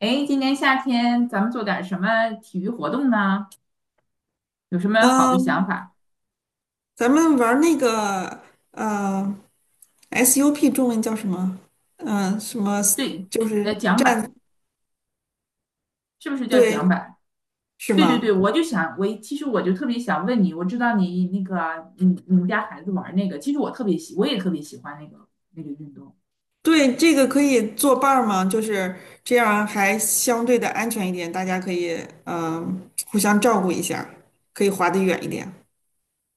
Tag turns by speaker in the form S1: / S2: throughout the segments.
S1: 哎，今年夏天咱们做点什么体育活动呢？有什么好的想
S2: 嗯，
S1: 法？
S2: 咱们玩儿那个呃 SUP 中文叫什么？什么
S1: 对，
S2: 就是
S1: 桨
S2: 站
S1: 板是不是叫桨
S2: 队
S1: 板？
S2: 是
S1: 对对对，
S2: 吗？
S1: 我就想，我其实就特别想问你，我知道你那个，你们家孩子玩那个，其实我特别喜，我也特别喜欢那个运动。
S2: 对，这个可以做伴儿吗？就是这样还相对的安全一点，大家可以互相照顾一下，可以划得远一点。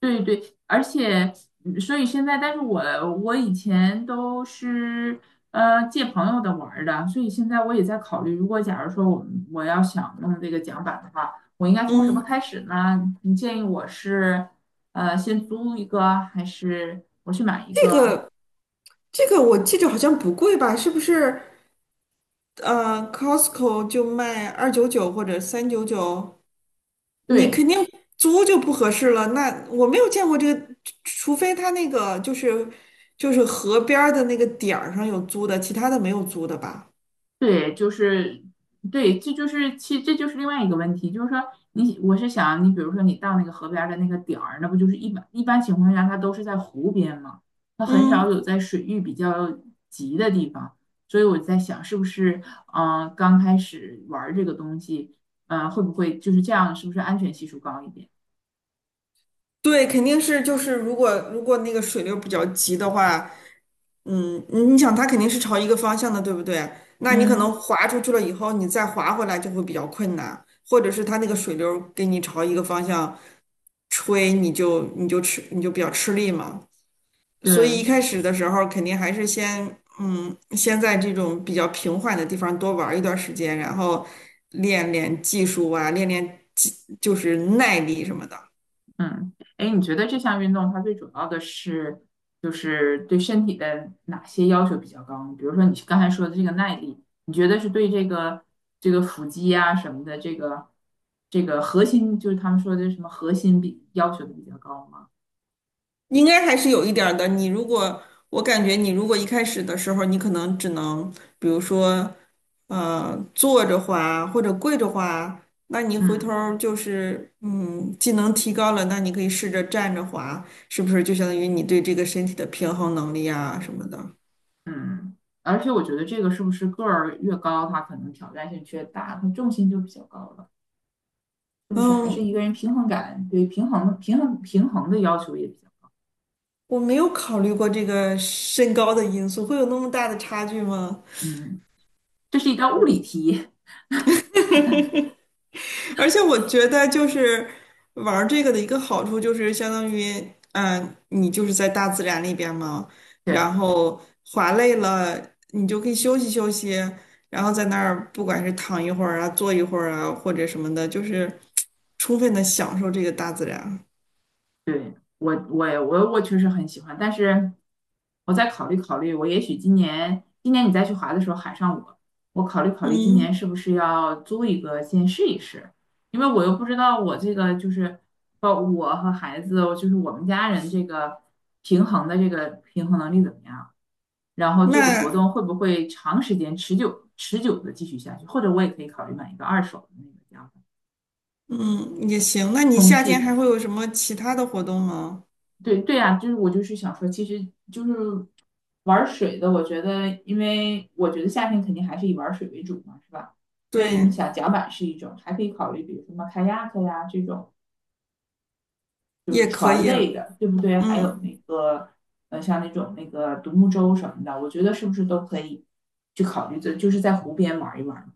S1: 对对，而且所以现在，但是我我以前都是借朋友的玩儿的，所以现在我也在考虑，假如说我要想弄这个桨板的话，我应该从什么
S2: 嗯，
S1: 开始呢？你建议我是先租一个，还是我去买一
S2: 这
S1: 个？
S2: 个这个我记着好像不贵吧？是不是？Costco 就卖299或者399，你肯
S1: 对，
S2: 定租就不合适了。那我没有见过这个，除非他那个就是河边儿的那个点儿上有租的，其他的没有租的吧？
S1: 对，对，这就是另外一个问题，就是说我是想你比如说你到那个河边儿的那个点儿，那不就是一般情况下它都是在湖边嘛，它很少
S2: 嗯，
S1: 有在水域比较急的地方，所以我在想是不是刚开始玩儿这个东西，会不会就是这样，是不是安全系数高一点？
S2: 对，肯定是就是如果那个水流比较急的话，你想它肯定是朝一个方向的，对不对？那你可能
S1: 嗯，
S2: 滑出去了以后，你再滑回来就会比较困难，或者是它那个水流给你朝一个方向吹，你就比较吃力嘛。所
S1: 对，
S2: 以一开始的时候，肯定还是先在这种比较平缓的地方多玩一段时间，然后练练技术啊，练练技，就是耐力什么的，
S1: 嗯，哎，你觉得这项运动它最主要的是，就是对身体的哪些要求比较高呢，比如说你刚才说的这个耐力，你觉得是对这个腹肌啊什么的，这个核心，就是他们说的什么核心比要求的比较高吗？
S2: 应该还是有一点儿的。你如果，我感觉你如果一开始的时候，你可能只能，比如说，坐着滑或者跪着滑，那你回头
S1: 嗯
S2: 儿就是，技能提高了，那你可以试着站着滑，是不是就相当于你对这个身体的平衡能力啊什么的？
S1: 嗯，而且我觉得这个是不是个儿越高，它可能挑战性越大，它重心就比较高了，是不是？还
S2: 嗯，
S1: 是一个人平衡感，对平衡的要求也比较，
S2: 我没有考虑过这个身高的因素，会有那么大的差距吗？
S1: 嗯，这是一道物理题。
S2: 而且我觉得，就是玩儿这个的一个好处，就是相当于，你就是在大自然里边嘛，
S1: 对。
S2: 然后滑累了，你就可以休息休息，然后在那儿不管是躺一会儿啊，坐一会儿啊，或者什么的，就是 充分的享受这个大自然。
S1: 对，我确实很喜欢，但是我再考虑考虑，我也许今年你再去滑的时候喊上我，我考虑考虑今
S2: 嗯，
S1: 年是不是要租一个先试一试，因为我又不知道我这个就是包括我和孩子，就是我们家人这个平衡的这个平衡能力怎么样，然后这个活
S2: 那
S1: 动会不会长时间持久的继续下去，或者我也可以考虑买一个二手的那个叫
S2: 嗯也行。那你
S1: 充
S2: 夏
S1: 气
S2: 天
S1: 的那
S2: 还会
S1: 种。
S2: 有什么其他的活动吗？
S1: 对对呀，就是我就是想说，其实就是玩水的，我觉得，因为我觉得夏天肯定还是以玩水为主嘛，是吧？所以你
S2: 对。
S1: 想，甲板是一种，还可以考虑，比如什么 kayak 呀这种，就是
S2: 也可
S1: 船
S2: 以，
S1: 类的，对不对？还
S2: 嗯，
S1: 有那个，像那种那个独木舟什么的，我觉得是不是都可以去考虑的，就是在湖边玩一玩。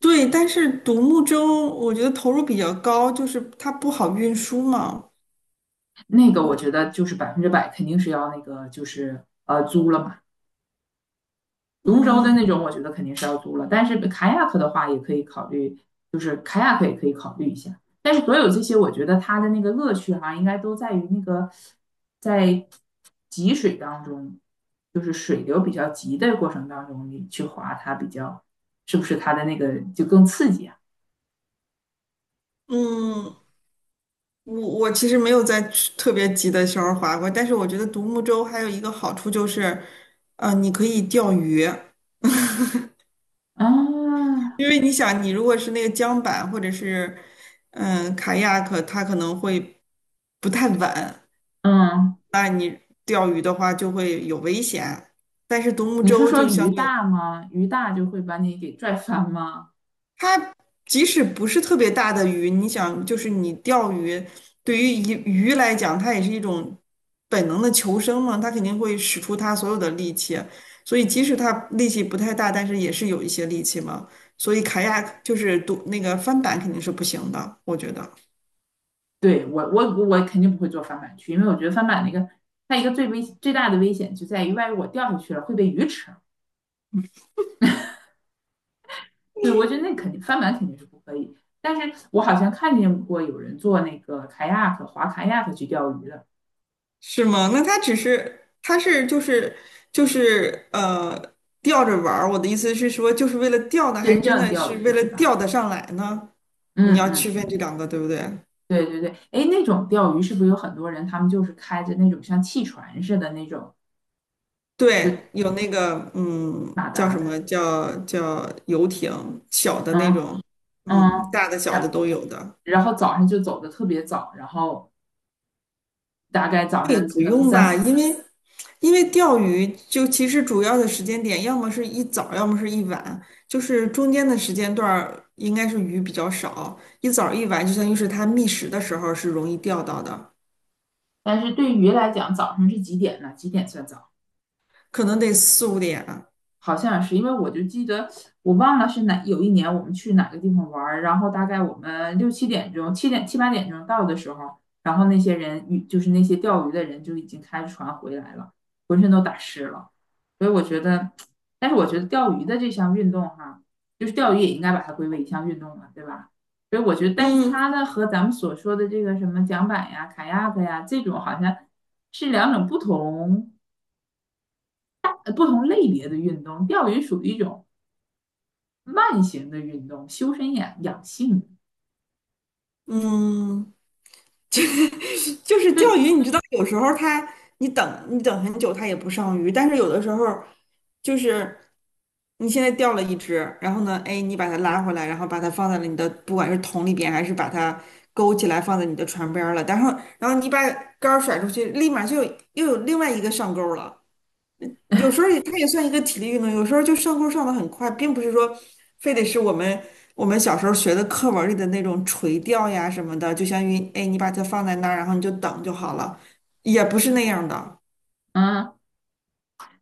S2: 对，但是独木舟我觉得投入比较高，就是它不好运输嘛，
S1: 那个我觉得就是百分之百肯定是要那个租了嘛。龙舟的那
S2: 嗯
S1: 种，我觉得肯定是要租了，但是 k a 克的话也可以考虑，就是 k a 克也可以考虑一下。但是所有这些，我觉得它的那个乐趣哈、应该都在于那个在急水当中，就是水流比较急的过程当中，你去划它比较，是不是它的那个就更刺激啊？
S2: 嗯，我其实没有在去特别急的时候划过，但是我觉得独木舟还有一个好处就是，你可以钓鱼，
S1: 啊，
S2: 因为你想，你如果是那个桨板或者是卡亚克，它可能会不太稳，
S1: 嗯，
S2: 那你钓鱼的话就会有危险，但是独木
S1: 你是
S2: 舟
S1: 说
S2: 就
S1: 鱼
S2: 相对。
S1: 大吗？鱼大就会把你给拽翻吗？
S2: 它即使不是特别大的鱼，你想，就是你钓鱼，对于鱼来讲，它也是一种本能的求生嘛，它肯定会使出它所有的力气，所以即使它力气不太大，但是也是有一些力气嘛。所以卡亚就是独那个翻板肯定是不行的，我觉得
S1: 对，我肯定不会做翻板区，因为我觉得翻板那个它一个最大的危险就在于，万一我掉下去了会被鱼吃。对，我觉得那肯定翻板肯定是不可以。但是我好像看见过有人做那个凯亚 y a k 划 k a y 去钓鱼的，
S2: 是吗？那它只是它是就是就是呃钓着玩儿，我的意思是说，就是为了钓呢，还
S1: 真
S2: 是真
S1: 正
S2: 的
S1: 钓
S2: 是
S1: 鱼
S2: 为了
S1: 是吧？
S2: 钓得上来呢？
S1: 嗯
S2: 你要
S1: 嗯
S2: 区分这
S1: 嗯，
S2: 两个，对不对？
S1: 对对对。哎，那种钓鱼是不是有很多人他们就是开着那种像汽船似的那种，
S2: 对，
S1: 就
S2: 有那个
S1: 马
S2: 叫
S1: 达
S2: 什么
S1: 的，
S2: 叫游艇，小的那
S1: 嗯
S2: 种，大
S1: 嗯，
S2: 的小的
S1: 然
S2: 都有的。
S1: 然后早上就走的特别早，然后大概早
S2: 那也
S1: 上
S2: 不
S1: 可能
S2: 用
S1: 三
S2: 吧，
S1: 四。
S2: 因为钓鱼就其实主要的时间点，要么是一早，要么是一晚，就是中间的时间段儿应该是鱼比较少，一早一晚就相当于是它觅食的时候是容易钓到的，
S1: 但是对于来讲，早上是几点呢？几点算早？
S2: 可能得四五点啊。
S1: 好像是因为我就记得我忘了是哪有一年我们去哪个地方玩儿，然后大概我们六七点钟、七八点钟到的时候，然后那些钓鱼的人就已经开着船回来了，浑身都打湿了。所以我觉得，但是我觉得钓鱼的这项运动哈，就是钓鱼也应该把它归为一项运动了，对吧？所以我觉得，但是
S2: 嗯
S1: 它呢和咱们所说的这个什么桨板呀、卡亚克呀这种好像是两种不同不同类别的运动，钓鱼属于一种。慢型的运动，修身养性。
S2: 嗯，就是钓
S1: 对，
S2: 鱼，你知道，有时候你等很久，它也不上鱼，但是有的时候就是你现在钓了一只，然后呢，哎，你把它拉回来，然后把它放在了你的不管是桶里边，还是把它勾起来放在你的船边儿了，然后你把杆儿甩出去，立马又有另外一个上钩了。有时候也它也算一个体力运动，有时候就上钩上的很快，并不是说非得是我们小时候学的课文里的那种垂钓呀什么的，就相当于哎，你把它放在那儿，然后你就等就好了，也不是那样的。
S1: 嗯，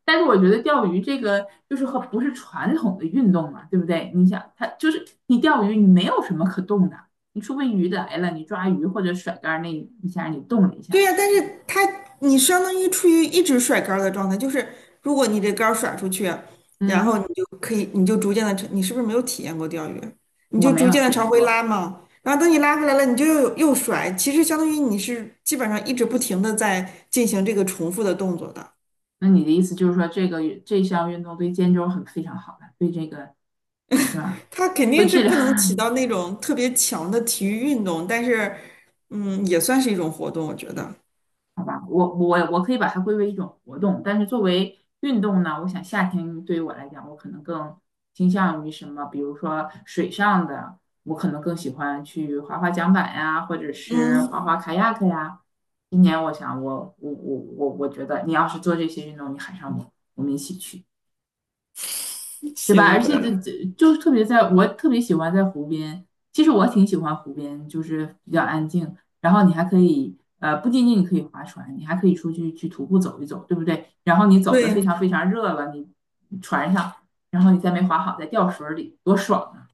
S1: 但是我觉得钓鱼这个就是和不是传统的运动嘛，对不对？你想，它就是你钓鱼，你没有什么可动的，你除非鱼来了，你抓鱼或者甩竿那一下你动了一
S2: 对
S1: 下，
S2: 呀，但是你相当于处于一直甩杆儿的状态，就是如果你这杆儿甩出去，然后
S1: 嗯，
S2: 你就可以，你就逐渐的，你是不是没有体验过钓鱼？你
S1: 我
S2: 就
S1: 没
S2: 逐
S1: 有
S2: 渐的
S1: 体
S2: 朝
S1: 验
S2: 回
S1: 过。
S2: 拉嘛，然后等你拉回来了，你就又甩，其实相当于你是基本上一直不停的在进行这个重复的动作的，
S1: 那你的意思就是说，这个这项运动对肩周很非常好了，对这个是吧？
S2: 它肯
S1: 会
S2: 定是
S1: 治疗。
S2: 不能起到那种特别强的体育运动，但是也算是一种活动，我觉得，
S1: 好吧，我可以把它归为一种活动，但是作为运动呢，我想夏天对于我来讲，我可能更倾向于什么，比如说水上的，我可能更喜欢去滑滑桨板呀，或者是
S2: 嗯，
S1: 滑滑卡 a 克呀。今年我想我觉得你要是做这些运动，你喊上我，我们一起去。对吧？
S2: 行
S1: 而且
S2: 吧，
S1: 这就特别在，我特别喜欢在湖边。其实我挺喜欢湖边，就是比较安静。然后你还可以，不仅仅你可以划船，你还可以出去去徒步走一走，对不对？然后你走的非
S2: 对，
S1: 常非常热了，你船上，然后你再没划好，再掉水里，多爽啊！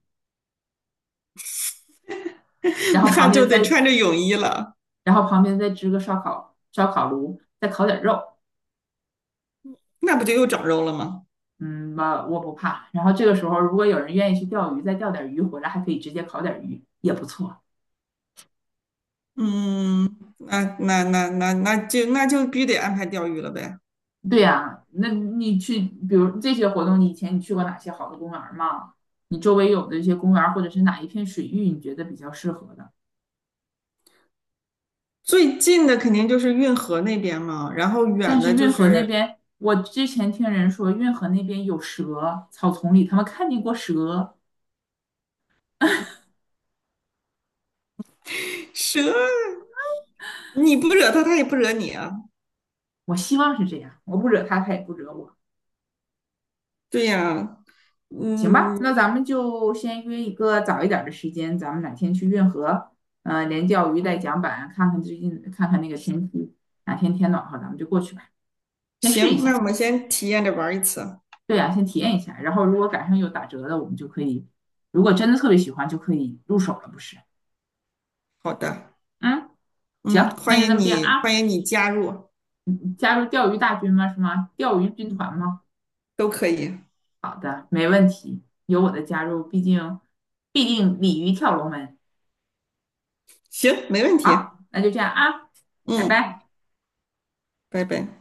S1: 然 后
S2: 那
S1: 旁
S2: 就
S1: 边
S2: 得
S1: 再，
S2: 穿着泳衣了。
S1: 然后旁边再支个烧烤炉，再烤点肉，
S2: 那不就又长肉了吗？
S1: 嗯我我不怕。然后这个时候，如果有人愿意去钓鱼，再钓点鱼回来，还可以直接烤点鱼，也不错。
S2: 嗯，那就必须得安排钓鱼了呗。
S1: 对呀，那你去，比如这些活动，你以前你去过哪些好的公园儿吗？你周围有的一些公园儿或者是哪一片水域，你觉得比较适合的？
S2: 最近的肯定就是运河那边嘛，然后
S1: 但
S2: 远
S1: 是
S2: 的就
S1: 运河那
S2: 是
S1: 边，我之前听人说运河那边有蛇，草丛里他们看见过蛇。
S2: 蛇，你不惹它，它也不惹你啊。
S1: 我希望是这样，我不惹他，他也不惹我，
S2: 对呀，
S1: 行吧？那
S2: 嗯，
S1: 咱们就先约一个早一点儿的时间，咱们哪天去运河，连钓鱼带桨板，看看最近，看看那个天气，哪天天暖和，咱们就过去吧，先试一
S2: 行，那我
S1: 下。
S2: 们先体验着玩儿一次。
S1: 对呀，先体验一下，然后如果赶上有打折的，我们就可以，如果真的特别喜欢，就可以入手了，不是？
S2: 好的，
S1: 嗯，
S2: 嗯，
S1: 行，那
S2: 欢
S1: 就这
S2: 迎
S1: 么定
S2: 你，
S1: 啊。
S2: 欢迎你加入，
S1: 你加入钓鱼大军吗？是吗？钓鱼军团吗？
S2: 都可以。
S1: 好的，没问题，有我的加入，毕竟必定鲤鱼跳龙门。
S2: 行，没问题。
S1: 好，那就这样啊，拜
S2: 嗯，
S1: 拜。
S2: 拜拜。